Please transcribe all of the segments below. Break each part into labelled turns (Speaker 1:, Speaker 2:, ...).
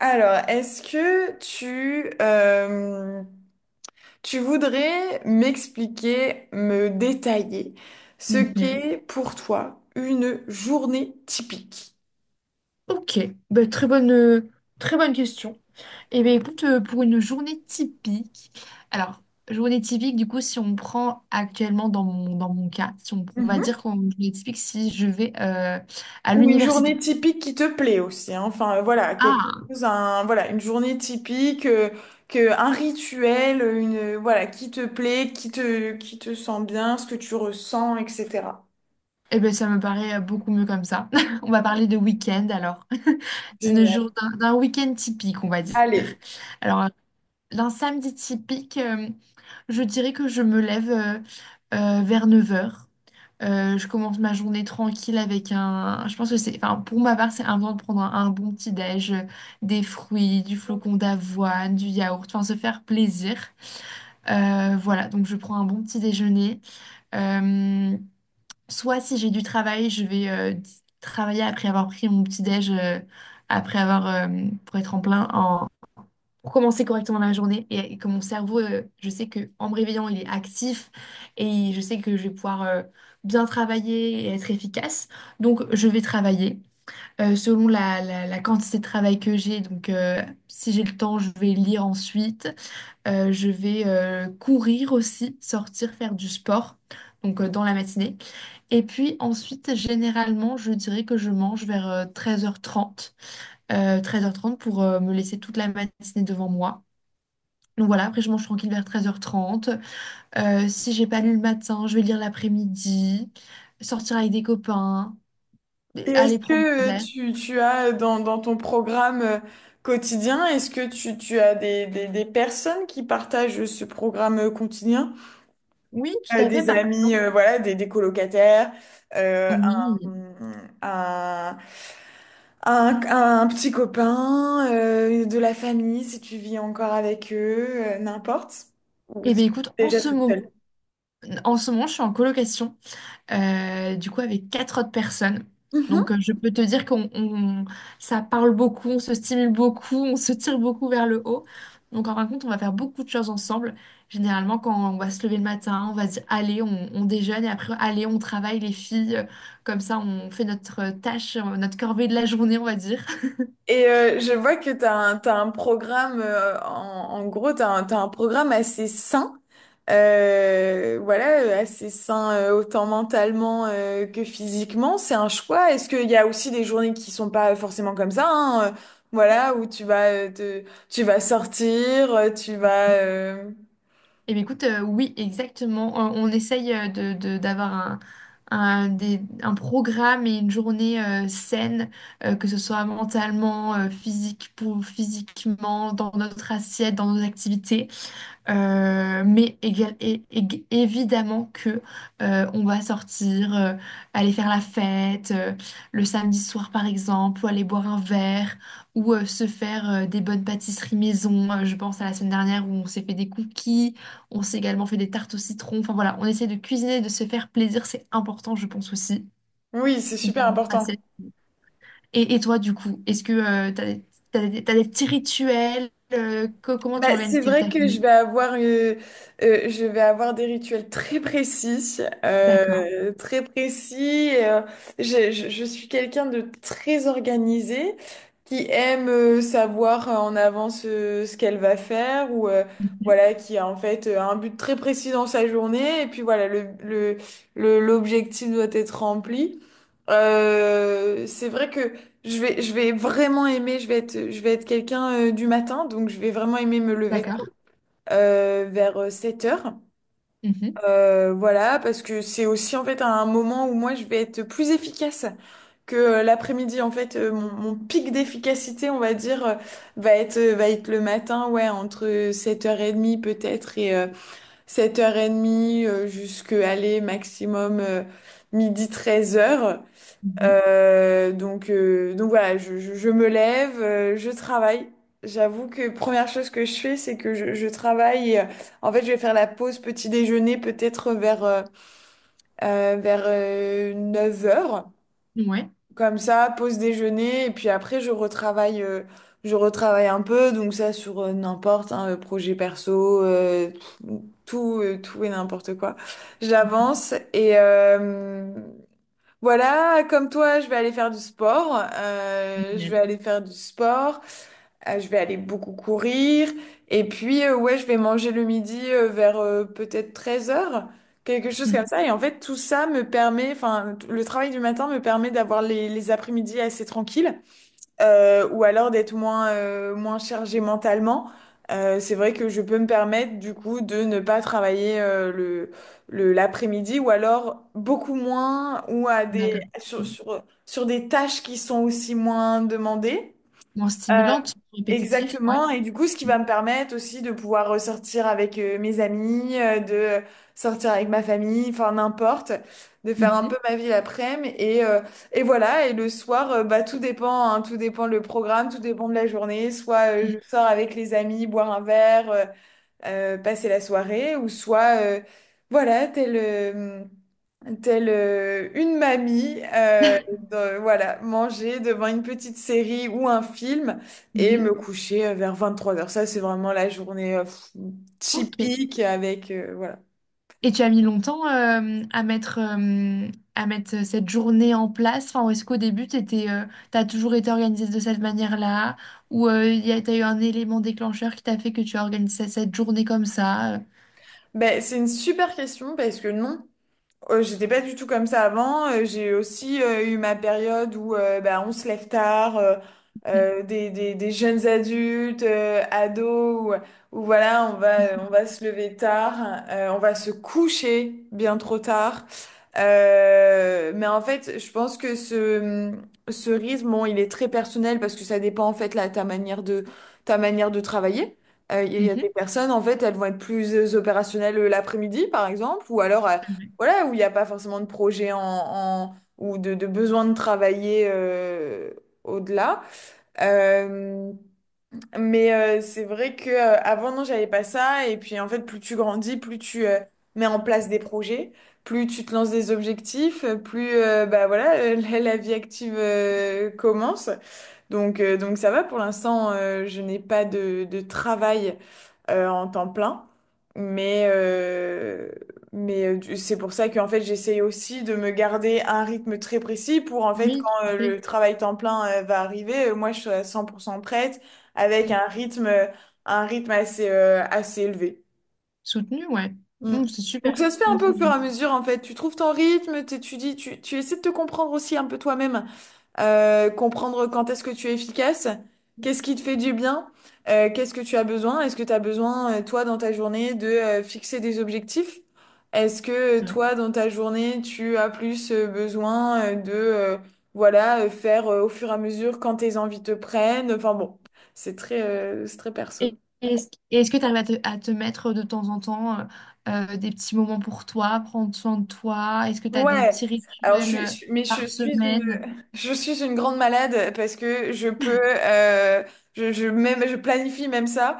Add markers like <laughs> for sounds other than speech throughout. Speaker 1: Alors, est-ce que tu voudrais m'expliquer, me détailler ce
Speaker 2: Mhm.
Speaker 1: qu'est pour toi une journée typique?
Speaker 2: Ok. Très bonne, très bonne question. Eh bien, écoute, pour une journée typique, alors, journée typique, du coup, si on prend actuellement dans dans mon cas, si on va
Speaker 1: Mhm.
Speaker 2: dire qu'en journée typique, si je vais à
Speaker 1: Ou une journée
Speaker 2: l'université.
Speaker 1: typique qui te plaît aussi, hein. Enfin, voilà, quelque
Speaker 2: Ah,
Speaker 1: chose, un, voilà, une journée typique, un rituel, une, voilà, qui te plaît, qui te sent bien, ce que tu ressens, etc.
Speaker 2: eh bien, ça me paraît beaucoup mieux comme ça. <laughs> On va parler de week-end alors. <laughs>
Speaker 1: Génial.
Speaker 2: D'un week-end typique, on va dire.
Speaker 1: Allez.
Speaker 2: Alors d'un samedi typique, je dirais que je me lève vers neuf heures. Je commence ma journée tranquille avec un... Je pense que c'est... Enfin, pour ma part, c'est important de prendre un bon petit déj, des fruits, du flocon d'avoine, du yaourt, enfin se faire plaisir. Voilà, donc je prends un bon petit déjeuner. Euh, soit si j'ai du travail, je vais travailler après avoir pris mon petit déj, après avoir pour être en plein en pour commencer correctement la journée et que mon cerveau, je sais que en me réveillant, il est actif et je sais que je vais pouvoir bien travailler et être efficace. Donc, je vais travailler selon la quantité de travail que j'ai. Donc, si j'ai le temps, je vais lire ensuite. Je vais courir aussi, sortir, faire du sport, donc dans la matinée. Et puis ensuite, généralement, je dirais que je mange vers 13h30, pour me laisser toute la matinée devant moi. Donc voilà, après je mange tranquille vers treize heures trente. Si j'ai pas lu le matin, je vais lire l'après-midi, sortir avec des copains,
Speaker 1: Et est-ce
Speaker 2: aller prendre un
Speaker 1: que
Speaker 2: verre.
Speaker 1: tu as dans ton programme quotidien, est-ce que tu as des personnes qui partagent ce programme quotidien?
Speaker 2: Oui, tout à fait,
Speaker 1: Des
Speaker 2: par
Speaker 1: amis,
Speaker 2: exemple.
Speaker 1: voilà, des colocataires, euh,
Speaker 2: Oui.
Speaker 1: un, un, un petit copain, de la famille, si tu vis encore avec eux, n'importe. Ou
Speaker 2: Eh
Speaker 1: si
Speaker 2: bien,
Speaker 1: tu
Speaker 2: écoute,
Speaker 1: es déjà toute seule.
Speaker 2: en ce moment, je suis en colocation, du coup avec quatre autres personnes. Donc je peux te dire ça parle beaucoup, on se stimule beaucoup, on se tire beaucoup vers le haut. Donc en fin de compte, on va faire beaucoup de choses ensemble. Généralement, quand on va se lever le matin, on va se dire allez, on déjeune et après allez, on travaille les filles. Comme ça, on fait notre tâche, notre corvée de la journée, on va dire.
Speaker 1: Et je vois que t'as un programme, en gros, tu as, un t'as un programme assez sain, voilà, assez sain autant mentalement que physiquement. C'est un choix. Est-ce qu'il y a aussi des journées qui sont pas forcément comme ça, hein, voilà, où tu vas, tu vas sortir, tu vas...
Speaker 2: Eh bien, écoute, oui, exactement. On essaye d'avoir un programme et une journée saine, que ce soit mentalement, physiquement, dans notre assiette, dans nos activités. Mais évidemment que on va sortir, aller faire la fête le samedi soir par exemple, ou aller boire un verre, ou se faire des bonnes pâtisseries maison. Je pense à la semaine dernière où on s'est fait des cookies, on s'est également fait des tartes au citron. Enfin voilà, on essaie de cuisiner, de se faire plaisir, c'est important, je pense aussi.
Speaker 1: Oui, c'est super important.
Speaker 2: Assez. Et toi du coup, est-ce que t'as des petits rituels comment tu
Speaker 1: Bah, c'est
Speaker 2: organises ta
Speaker 1: vrai que
Speaker 2: journée?
Speaker 1: je vais avoir des rituels très précis,
Speaker 2: D'accord.
Speaker 1: très précis. Je suis quelqu'un de très organisé qui aime savoir en avance ce qu'elle va faire ou
Speaker 2: Mhm.
Speaker 1: voilà qui a en fait un but très précis dans sa journée et puis voilà l'objectif doit être rempli. C'est vrai que je vais vraiment aimer, je vais être quelqu'un du matin, donc je vais vraiment aimer me lever tôt,
Speaker 2: D'accord.
Speaker 1: vers 7 heures.
Speaker 2: Mhm,
Speaker 1: Voilà, parce que c'est aussi en fait un moment où moi je vais être plus efficace que l'après-midi. En fait, mon pic d'efficacité, on va dire, va être le matin, ouais, entre 7h30 peut-être et 7h30 jusqu'à aller maximum midi 13 heures donc voilà, je me lève, je travaille. J'avoue que première chose que je fais, c'est que je travaille. Et, en fait, je vais faire la pause petit déjeuner peut-être vers, vers 9 heures.
Speaker 2: mhm. Ouais.
Speaker 1: Comme ça, pause déjeuner. Et puis après, je retravaille un peu. Donc ça, sur n'importe, un projet perso, tout, tout et n'importe quoi.
Speaker 2: Mhm.
Speaker 1: J'avance et... voilà, comme toi, je vais aller faire du sport. Je vais
Speaker 2: Génial.
Speaker 1: aller faire du sport. Je vais aller beaucoup courir. Et puis, ouais, je vais manger le midi vers peut-être 13 heures, quelque chose comme
Speaker 2: Mhm.
Speaker 1: ça. Et en fait, tout ça me permet, enfin, t- le travail du matin me permet d'avoir les après-midi assez tranquilles ou alors d'être moins, moins chargé mentalement. C'est vrai que je peux me permettre du coup de ne pas travailler l'après-midi ou alors beaucoup moins ou à des,
Speaker 2: D'accord. Mhm.
Speaker 1: sur des tâches qui sont aussi moins demandées.
Speaker 2: Bon,
Speaker 1: Euh,
Speaker 2: stimulante, répétitif, ouais.
Speaker 1: Exactement, et du coup, ce qui va me permettre aussi de pouvoir ressortir avec mes amis, de sortir avec ma famille, enfin n'importe, de faire un
Speaker 2: Mhm,
Speaker 1: peu ma
Speaker 2: <laughs>
Speaker 1: vie l'après-midi, et voilà, et le soir, bah, tout dépend, hein, tout dépend le programme, tout dépend de la journée, soit je sors avec les amis, boire un verre, passer la soirée, ou soit, voilà, telle, telle une mamie,
Speaker 2: mhm.
Speaker 1: de- voilà, manger devant une petite série ou un film et
Speaker 2: Mhm.
Speaker 1: me coucher vers 3 heures. Ça, c'est vraiment la journée pff,
Speaker 2: Ok.
Speaker 1: typique avec, voilà.
Speaker 2: Et tu as mis longtemps à à mettre cette journée en place. Enfin, ou est-ce qu'au début, tu as toujours été organisée de cette manière-là? Ou il y a, t'as eu un élément déclencheur qui t'a fait que tu as organisé cette journée comme ça? Euh.
Speaker 1: Ben, c'est une super question parce que non. J'étais pas du tout comme ça avant. J'ai aussi eu ma période où bah, on se lève tard,
Speaker 2: Mhm.
Speaker 1: des jeunes adultes, ados, où voilà, on va se lever tard, on va se coucher bien trop tard. Mais en fait, je pense que ce rythme, bon, il est très personnel parce que ça dépend en fait là, ta manière de travailler. Il y a
Speaker 2: Mhm.
Speaker 1: des personnes, en fait, elles vont être plus opérationnelles l'après-midi, par exemple, ou alors
Speaker 2: Ouais.
Speaker 1: voilà, où il n'y a pas forcément de projet en, en- ou de besoin de travailler au-delà. Euh, mais c'est vrai que avant non, j'avais pas ça. Et puis en fait, plus tu grandis, plus tu mets en place des projets, plus tu te lances des objectifs, plus bah voilà, <laughs> la vie active commence. Donc ça va pour l'instant, je n'ai pas de travail en temps plein, mais, euh, mais du- c'est pour ça qu'en fait j'essaye aussi de me garder un rythme très précis pour en fait
Speaker 2: Oui,
Speaker 1: quand
Speaker 2: tout à fait.
Speaker 1: le travail temps plein va arriver, moi je suis à 100% prête avec
Speaker 2: Mhm.
Speaker 1: un rythme assez, assez élevé.
Speaker 2: Soutenu, ouais.
Speaker 1: Mm.
Speaker 2: Mhm, c'est
Speaker 1: Donc ça
Speaker 2: super.
Speaker 1: se fait un
Speaker 2: Mhm,
Speaker 1: peu au
Speaker 2: c'est
Speaker 1: fur et à mesure en fait, tu trouves ton rythme, t'étudies, tu essaies de te comprendre aussi un peu toi-même comprendre quand est-ce que tu es efficace, qu'est-ce qui te fait du bien, qu'est-ce que tu as besoin, est-ce que tu as besoin, toi, dans ta journée, de fixer des objectifs? Est-ce que
Speaker 2: génial.
Speaker 1: toi, dans ta journée, tu as plus besoin de, voilà, faire au fur et à mesure quand tes envies te prennent? Enfin bon, c'est très perso.
Speaker 2: Et est-ce, et est-ce que tu arrives à à te mettre de temps en temps des petits moments pour toi, prendre soin de toi? Est-ce que tu as des
Speaker 1: Ouais,
Speaker 2: petits
Speaker 1: alors
Speaker 2: rituels
Speaker 1: mais je
Speaker 2: par
Speaker 1: suis une,
Speaker 2: semaine?
Speaker 1: <laughs> je suis une grande malade parce que je peux, je même, je planifie même ça.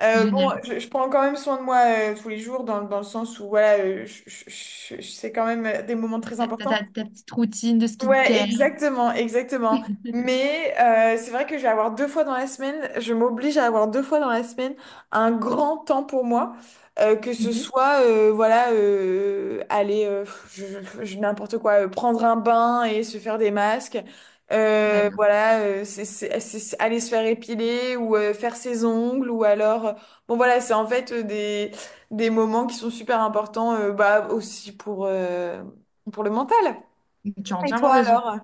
Speaker 1: Bon,
Speaker 2: Génial.
Speaker 1: je prends quand même soin de moi tous les jours dans, dans le sens où voilà, c'est quand même des moments très importants.
Speaker 2: T'as ta petite routine de
Speaker 1: Ouais,
Speaker 2: skincare.
Speaker 1: exactement, exactement.
Speaker 2: <laughs>
Speaker 1: Mais c'est vrai que je m'oblige à avoir deux fois dans la semaine un grand temps pour moi, que ce
Speaker 2: Mhm.
Speaker 1: soit, voilà, aller, je, n'importe quoi, prendre un bain et se faire des masques,
Speaker 2: D'accord.
Speaker 1: voilà, c'est aller se faire épiler ou faire ses ongles ou alors, bon voilà, c'est en fait des moments qui sont super importants, bah aussi pour le mental.
Speaker 2: Tu as
Speaker 1: Et
Speaker 2: entièrement
Speaker 1: toi
Speaker 2: raison.
Speaker 1: alors?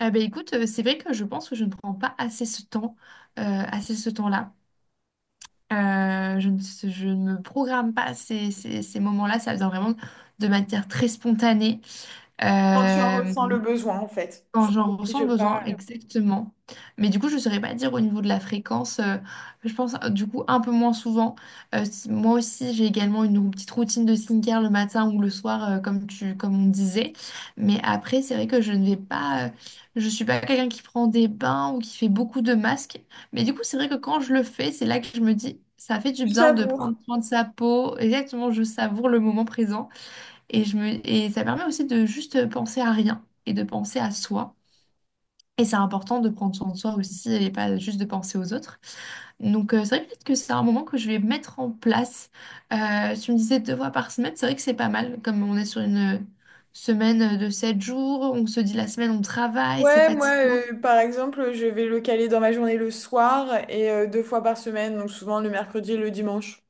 Speaker 2: Eh ben, écoute, c'est vrai que je pense que je ne prends pas assez euh, assez ce temps-là. Euh, je ne, je ne me programme pas ces moments-là. Ça vient vraiment de manière très spontanée.
Speaker 1: Quand tu en
Speaker 2: Euh,
Speaker 1: ressens le besoin, en fait.
Speaker 2: Quand
Speaker 1: Tu
Speaker 2: j'en ressens
Speaker 1: t'obliges
Speaker 2: le besoin, ouais,
Speaker 1: pas.
Speaker 2: exactement. Mais du coup, je ne saurais pas dire au niveau de la fréquence. Euh, je pense du coup un peu moins souvent. Moi aussi, j'ai également une petite routine de skincare le matin ou le soir, euh, comme on disait. Mais après, c'est vrai que je ne vais pas. Euh, je suis pas quelqu'un qui prend des bains ou qui fait beaucoup de masques. Mais du coup, c'est vrai que quand je le fais, c'est là que je me dis, ça fait du
Speaker 1: Tu
Speaker 2: bien de
Speaker 1: savoures.
Speaker 2: prendre soin de sa peau. Exactement, je savoure le moment présent et je me et ça permet aussi de juste penser à rien et de penser à soi. Et c'est important de prendre soin de soi aussi et pas juste de penser aux autres. Donc, c'est vrai peut-être que c'est un moment que je vais mettre en place. Tu me disais deux fois par semaine, c'est vrai que c'est pas mal. Comme on est sur une semaine de sept jours, on se dit la semaine on travaille, c'est
Speaker 1: Ouais, moi,
Speaker 2: fatigant.
Speaker 1: par exemple, je vais le caler dans ma journée le soir et deux fois par semaine, donc souvent le mercredi et le dimanche.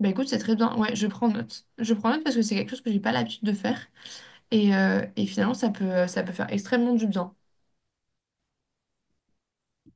Speaker 2: Bah écoute, c'est très bien. Ouais, je prends note. Je prends note parce que c'est quelque chose que j'ai pas l'habitude de faire. Et, finalement, ça peut faire extrêmement du bien.